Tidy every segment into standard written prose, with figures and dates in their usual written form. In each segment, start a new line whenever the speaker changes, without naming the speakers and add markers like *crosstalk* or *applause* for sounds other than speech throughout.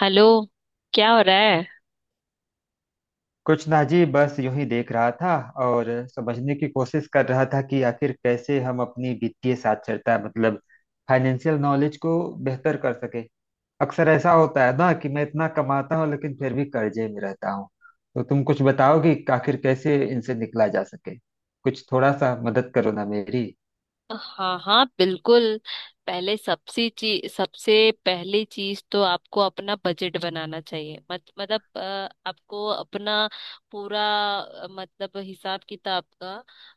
Hello. क्या हो रहा है।
कुछ ना जी, बस यूं ही देख रहा था। और समझने की कोशिश कर रहा था कि आखिर कैसे हम अपनी वित्तीय साक्षरता, मतलब फाइनेंशियल नॉलेज को बेहतर कर सके। अक्सर ऐसा होता है ना कि मैं इतना कमाता हूँ लेकिन फिर भी कर्जे में रहता हूँ। तो तुम कुछ बताओ कि आखिर कैसे इनसे निकला जा सके। कुछ थोड़ा सा मदद करो ना मेरी।
हाँ हाँ बिल्कुल। पहले सबसे चीज सबसे पहली चीज तो आपको अपना बजट बनाना चाहिए मत, मतलब आपको अपना पूरा मतलब हिसाब किताब का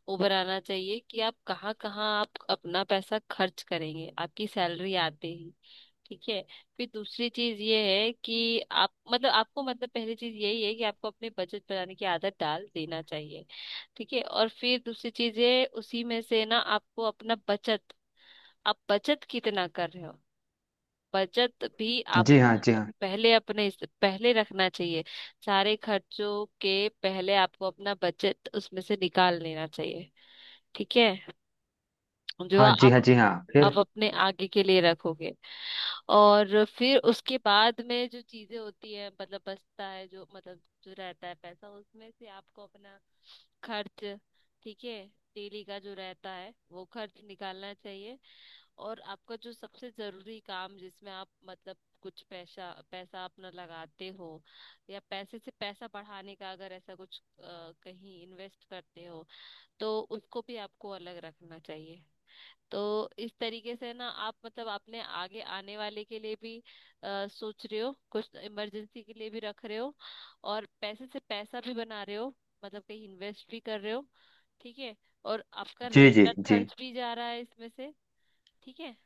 वो बनाना चाहिए कि आप कहाँ कहाँ आप अपना पैसा खर्च करेंगे आपकी सैलरी आते ही। ठीक है। फिर दूसरी चीज ये है कि आप मतलब आपको मतलब पहली चीज यही है कि आपको अपनी बचत बढ़ाने की आदत डाल देना चाहिए। ठीक है। और फिर दूसरी चीज ये उसी में से ना आपको अपना बचत आप बचत कितना कर रहे हो। बचत भी
जी हाँ जी
आपको
हाँ।
पहले पहले रखना चाहिए। सारे खर्चों के पहले आपको अपना बचत उसमें से निकाल लेना चाहिए। ठीक है। जो
हाँ जी हाँ जी हाँ,
आप
फिर?
अपने आगे के लिए रखोगे। और फिर उसके बाद में जो चीजें होती है मतलब बचता है जो मतलब जो रहता है पैसा उसमें से आपको अपना खर्च। ठीक है। डेली का जो रहता है वो खर्च निकालना चाहिए। और आपका जो सबसे जरूरी काम जिसमें आप मतलब कुछ पैसा पैसा अपना लगाते हो या पैसे से पैसा बढ़ाने का अगर ऐसा कुछ कहीं इन्वेस्ट करते हो तो उसको भी आपको अलग रखना चाहिए। तो इस तरीके से ना आप मतलब अपने आगे आने वाले के लिए भी सोच रहे हो, कुछ इमरजेंसी के लिए भी रख रहे हो, और पैसे से पैसा भी बना रहे हो, मतलब कहीं इन्वेस्ट भी कर रहे हो। ठीक है। और आपका
जी जी
रेगुलर
जी।
खर्च भी जा रहा है इसमें से। ठीक है।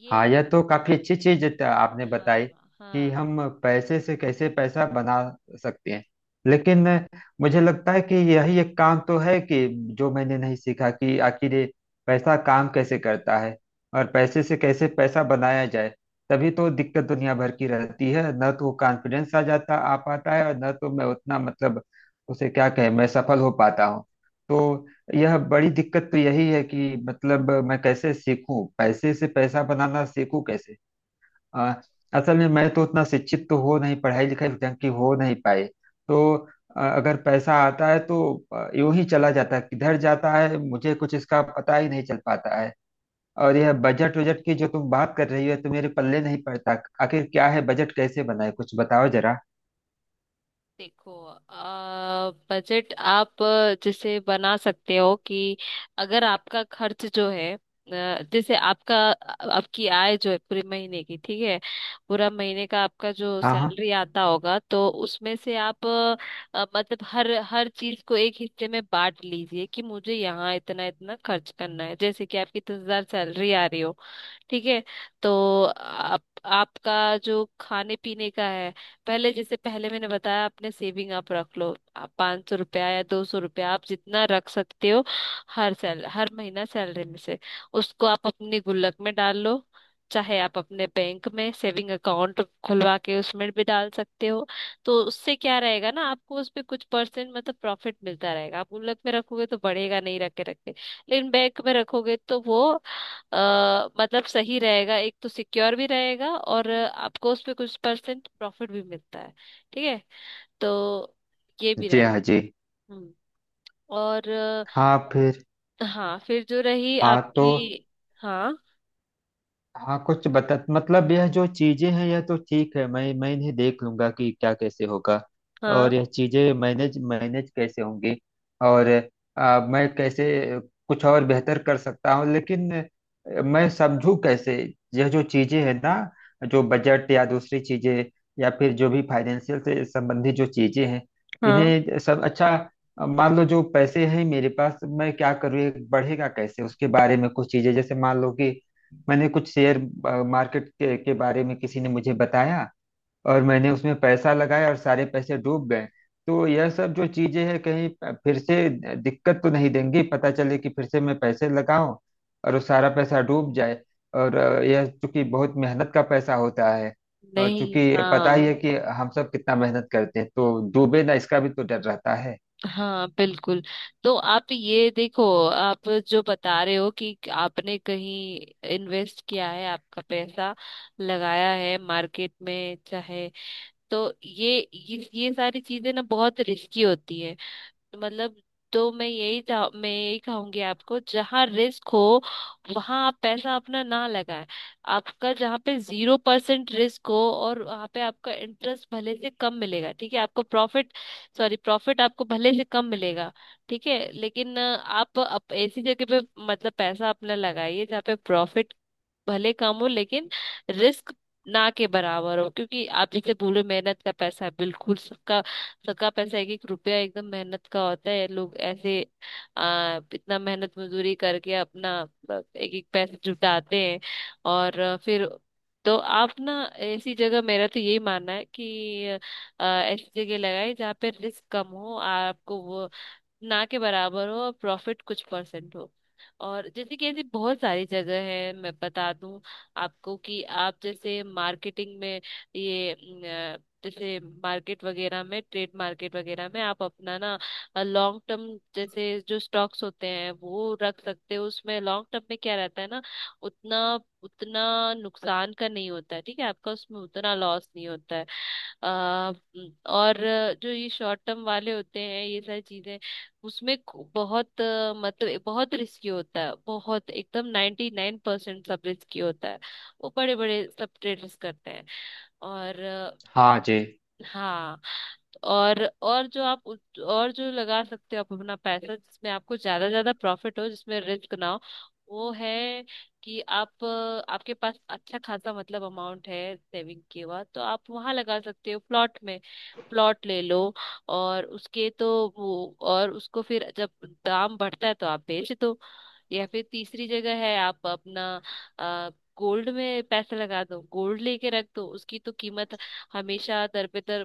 ये
हाँ, यह तो काफी अच्छी चीज आपने बताई
हाँ
कि
हाँ।
हम पैसे से कैसे पैसा बना सकते हैं। लेकिन मुझे लगता है कि यही एक काम तो है कि जो मैंने नहीं सीखा कि आखिर ये पैसा काम कैसे करता है और पैसे से कैसे पैसा बनाया जाए। तभी तो दिक्कत दुनिया भर की रहती है, न तो कॉन्फिडेंस आ पाता है, और न तो मैं उतना, मतलब उसे क्या कहें, मैं सफल हो पाता हूँ। तो यह बड़ी दिक्कत तो यही है कि मतलब मैं कैसे सीखूं, पैसे से पैसा बनाना सीखूं कैसे। आ, असल में मैं तो उतना शिक्षित तो हो नहीं, पढ़ाई लिखाई ढंग की हो नहीं पाए। तो अगर पैसा आता है तो यूं ही चला जाता है, किधर जाता है मुझे कुछ इसका पता ही नहीं चल पाता है। और यह बजट वजट की जो तुम बात कर रही हो, तो मेरे पल्ले नहीं पड़ता। आखिर क्या है बजट, कैसे बनाए, कुछ बताओ जरा।
देखो, बजट आप जैसे बना सकते हो कि अगर आपका खर्च जो है जैसे आपका आपकी आय जो है पूरे महीने की। ठीक है। पूरा महीने का आपका जो
हाँ हाँ।
सैलरी आता होगा तो उसमें से आप मतलब हर हर चीज को एक हिस्से में बांट लीजिए कि मुझे यहाँ इतना इतना खर्च करना है। जैसे कि आपकी 10,000 सैलरी आ रही हो। ठीक है। तो आप आपका जो खाने पीने का है, पहले जैसे पहले मैंने बताया आपने सेविंग आप रख लो, आप 500 रुपया या 200 रुपया आप जितना रख सकते हो हर सैल हर महीना सैलरी में से उसको आप अपनी गुल्लक में डाल लो। चाहे आप अपने बैंक में सेविंग अकाउंट खुलवा के उसमें भी डाल सकते हो। तो उससे क्या रहेगा ना, आपको उस पे कुछ परसेंट मतलब प्रॉफिट मिलता रहेगा। आप गुल्लक में रखोगे तो बढ़ेगा नहीं रखे रखे, लेकिन बैंक में रखोगे तो वो अ, मतलब सही रहेगा। एक तो सिक्योर भी रहेगा और आपको उस पे कुछ परसेंट प्रॉफिट भी मिलता है। ठीक है। तो ये भी
जी हाँ
रहता।
जी
हम्म। और
हाँ, फिर?
हाँ फिर जो रही
हाँ तो।
आपकी। हाँ।
हाँ, कुछ बता, मतलब यह जो चीजें हैं यह तो ठीक है, मैं इन्हें देख लूंगा कि क्या कैसे होगा।
हाँ।
और यह चीजें मैनेज मैनेज कैसे होंगी। और मैं कैसे कुछ और बेहतर कर सकता हूँ, लेकिन मैं समझू कैसे। यह जो चीजें हैं ना, जो बजट या दूसरी चीजें, या फिर जो भी फाइनेंशियल से संबंधित जो चीजें हैं,
हाँ
इन्हें सब अच्छा। मान लो जो पैसे हैं मेरे पास, मैं क्या करूँ, ये बढ़ेगा कैसे, उसके बारे में कुछ चीजें। जैसे मान लो कि मैंने कुछ शेयर मार्केट के बारे में किसी ने मुझे बताया, और मैंने उसमें पैसा लगाया और सारे पैसे डूब गए। तो यह सब जो चीजें हैं कहीं फिर से दिक्कत तो नहीं देंगी, पता चले कि फिर से मैं पैसे लगाऊं और वो सारा पैसा डूब जाए। और यह चूंकि बहुत मेहनत का पैसा होता है, और
नहीं
चूंकि पता ही
हाँ।
है कि हम सब कितना मेहनत करते हैं, तो डूबे ना, इसका भी तो डर रहता है।
हाँ बिल्कुल। तो आप ये देखो, आप जो बता रहे हो कि आपने कहीं इन्वेस्ट किया है, आपका पैसा लगाया है मार्केट में चाहे, तो ये सारी चीजें ना बहुत रिस्की होती है। मतलब तो मैं यही चाह मैं यही कहूंगी आपको, जहां रिस्क हो वहां आप पैसा अपना ना लगाएं। आपका जहां पे जीरो परसेंट रिस्क हो और वहां पे आपका इंटरेस्ट भले से कम मिलेगा, ठीक है, आपको प्रॉफिट सॉरी प्रॉफिट आपको भले से कम मिलेगा, ठीक है, लेकिन आप ऐसी जगह पे मतलब पैसा अपना लगाइए जहाँ पे प्रॉफिट भले कम हो लेकिन रिस्क ना के बराबर हो। क्योंकि आप जैसे बोले मेहनत का पैसा है, बिल्कुल, सबका सबका पैसा एक एक रुपया एकदम मेहनत का होता है। लोग ऐसे इतना मेहनत मजदूरी करके अपना मतलब एक एक पैसा जुटाते हैं। और फिर तो आप ना ऐसी जगह मेरा तो यही मानना है कि ऐसी जगह लगाए जहाँ पे रिस्क कम हो आपको, वो ना के बराबर हो और प्रॉफिट कुछ परसेंट हो। और जैसे कि ऐसी बहुत सारी जगह है, मैं बता दूं आपको कि आप जैसे मार्केटिंग में ये जैसे मार्केट वगैरह में ट्रेड मार्केट वगैरह में आप अपना ना लॉन्ग टर्म जैसे जो स्टॉक्स होते हैं वो रख सकते हो। उसमें लॉन्ग टर्म में क्या रहता है ना, उतना उतना नुकसान का नहीं होता है, ठीक है, आपका उसमें उतना लॉस नहीं होता है। अ, और जो ये शॉर्ट टर्म वाले होते हैं ये सारी चीजें, बहुत मतलब बहुत रिस्की होता है, बहुत एकदम 99% सब रिस्की होता है। वो बड़े बड़े सब ट्रेडर्स करते हैं। और
हाँ जी।
हाँ, तो और जो आप और जो लगा सकते हो आप अपना पैसा जिसमें आपको ज्यादा ज्यादा प्रॉफिट हो जिसमें रिस्क ना हो, वो है कि आप आपके पास अच्छा खासा मतलब अमाउंट है सेविंग के बाद, तो आप वहां लगा सकते हो प्लॉट में। प्लॉट ले लो और उसके तो वो और उसको फिर जब दाम बढ़ता है तो आप बेच दो। या फिर तीसरी जगह है आप अपना आ, गोल्ड में पैसे लगा दो, गोल्ड लेके रख दो, उसकी तो कीमत हमेशा दर पे दर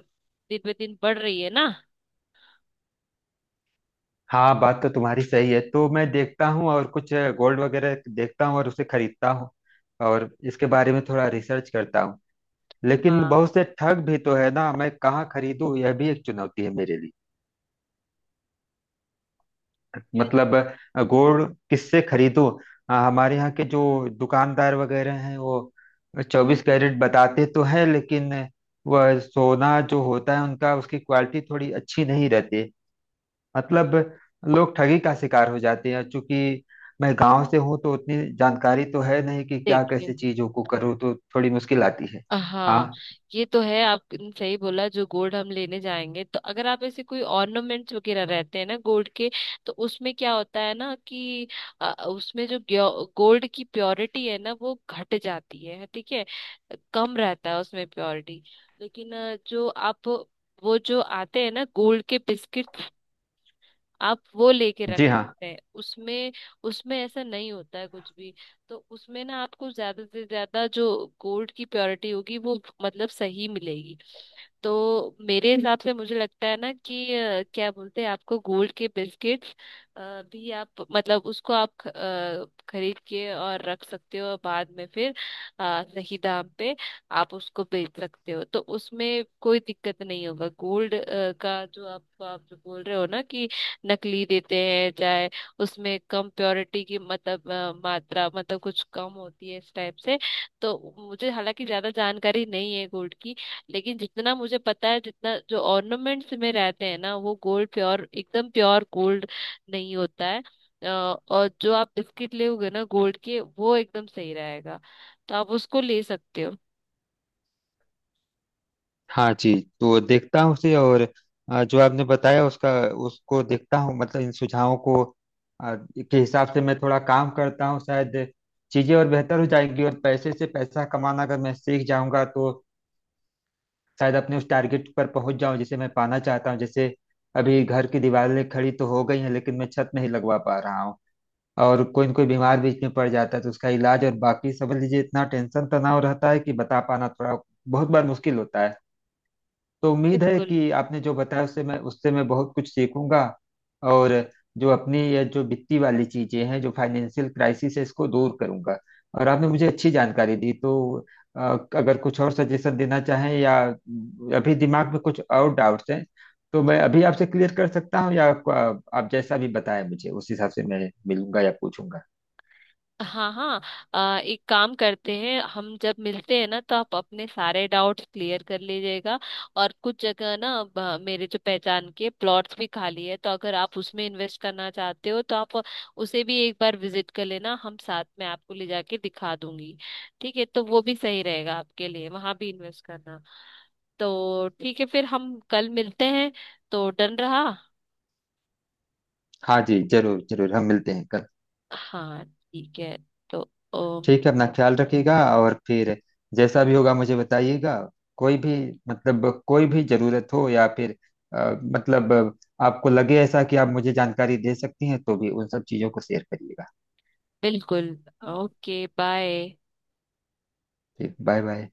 दिन पे दिन बढ़ रही है ना।
हाँ, बात तो तुम्हारी सही है, तो मैं देखता हूँ, और कुछ गोल्ड वगैरह देखता हूँ और उसे खरीदता हूँ और इसके बारे में थोड़ा रिसर्च करता हूँ। लेकिन
हाँ
बहुत से ठग भी तो है ना, मैं कहाँ खरीदूँ यह भी एक चुनौती है मेरे लिए।
ये
मतलब गोल्ड किससे खरीदूँ। हाँ, हमारे यहाँ के जो दुकानदार वगैरह हैं वो 24 कैरेट बताते तो हैं, लेकिन वह सोना जो होता है उनका, उसकी क्वालिटी थोड़ी अच्छी नहीं रहती। मतलब लोग ठगी का शिकार हो जाते हैं। चूंकि मैं गांव से हूँ तो उतनी जानकारी तो है नहीं कि क्या कैसे
देखिए।
चीजों को करूँ, तो थोड़ी मुश्किल आती है।
हाँ
हाँ
ये तो है आपने सही बोला, जो गोल्ड हम लेने जाएंगे तो अगर आप ऐसे कोई ऑर्नामेंट्स वगैरह रहते हैं ना गोल्ड के, तो उसमें क्या होता है ना कि उसमें जो गोल्ड की प्योरिटी है ना वो घट जाती है, ठीक है, कम रहता है उसमें प्योरिटी। लेकिन जो आप वो जो आते हैं ना गोल्ड के बिस्किट आप वो लेके रख
जी हाँ।
सकते हैं। उसमें उसमें ऐसा नहीं होता है कुछ भी। तो उसमें ना आपको ज्यादा से ज्यादा जो गोल्ड की प्योरिटी होगी वो मतलब सही मिलेगी। तो मेरे हिसाब से *laughs* मुझे लगता है ना कि क्या बोलते हैं आपको गोल्ड के बिस्किट भी आप मतलब उसको आप खरीद के और रख सकते हो और बाद में फिर सही दाम पे आप उसको बेच सकते हो। तो उसमें कोई दिक्कत नहीं होगा। गोल्ड का जो आप जो बोल रहे हो ना कि नकली देते हैं चाहे, उसमें कम प्योरिटी की मतलब मात्रा मतलब कुछ कम होती है इस टाइप से। तो मुझे हालांकि ज्यादा जानकारी नहीं है गोल्ड की, लेकिन जितना मुझे पता है जितना जो ऑर्नामेंट्स में रहते हैं ना वो गोल्ड प्योर एकदम प्योर गोल्ड नहीं होता है। और जो आप बिस्किट लोगे ना गोल्ड के वो एकदम सही रहेगा, तो आप उसको ले सकते हो।
हाँ जी। तो देखता हूँ उसे, और जो आपने बताया उसका, उसको देखता हूँ। मतलब इन सुझावों को के हिसाब से मैं थोड़ा काम करता हूँ, शायद चीजें और बेहतर हो जाएंगी। और पैसे से पैसा कमाना अगर मैं सीख जाऊंगा तो शायद अपने उस टारगेट पर पहुंच जाऊं जिसे मैं पाना चाहता हूं। जैसे अभी घर की दीवारें खड़ी तो हो गई हैं लेकिन मैं छत नहीं लगवा पा रहा हूँ, और कोई न कोई बीमार बीच में पड़ जाता है तो उसका इलाज, और बाकी समझ लीजिए इतना टेंशन तनाव रहता है कि बता पाना थोड़ा बहुत बार मुश्किल होता है। तो उम्मीद है
बिल्कुल।
कि आपने जो बताया उससे मैं बहुत कुछ सीखूंगा। और जो अपनी ये जो वित्तीय वाली चीजें हैं, जो फाइनेंशियल क्राइसिस है, इसको दूर करूंगा। और आपने मुझे अच्छी जानकारी दी तो अ, अगर कुछ और सजेशन देना चाहें, या अभी दिमाग में कुछ और डाउट्स हैं, तो मैं अभी आपसे क्लियर कर सकता हूँ। या आपको, आप जैसा भी बताएं, मुझे उस हिसाब से मैं मिलूंगा या पूछूंगा।
हाँ हाँ। एक काम करते हैं, हम जब मिलते हैं ना तो आप अपने सारे डाउट्स क्लियर कर लीजिएगा। और कुछ जगह ना मेरे जो पहचान के प्लॉट्स भी खाली है, तो अगर आप उसमें इन्वेस्ट करना चाहते हो तो आप उसे भी एक बार विजिट कर लेना, हम साथ में आपको ले जाके दिखा दूंगी। ठीक है, तो वो भी सही रहेगा आपके लिए वहां भी इन्वेस्ट करना। तो ठीक है, फिर हम कल मिलते हैं। तो डन रहा।
हाँ जी, जरूर जरूर, हम मिलते हैं कल।
हाँ ठीक है। तो ओ,
ठीक है, अपना ख्याल रखिएगा, और फिर जैसा भी होगा मुझे बताइएगा। कोई भी, मतलब कोई भी जरूरत हो, या फिर मतलब आपको लगे ऐसा कि आप मुझे जानकारी दे सकती हैं, तो भी उन सब चीज़ों को शेयर करिएगा।
बिल्कुल। Okay bye.
ठीक, बाय बाय।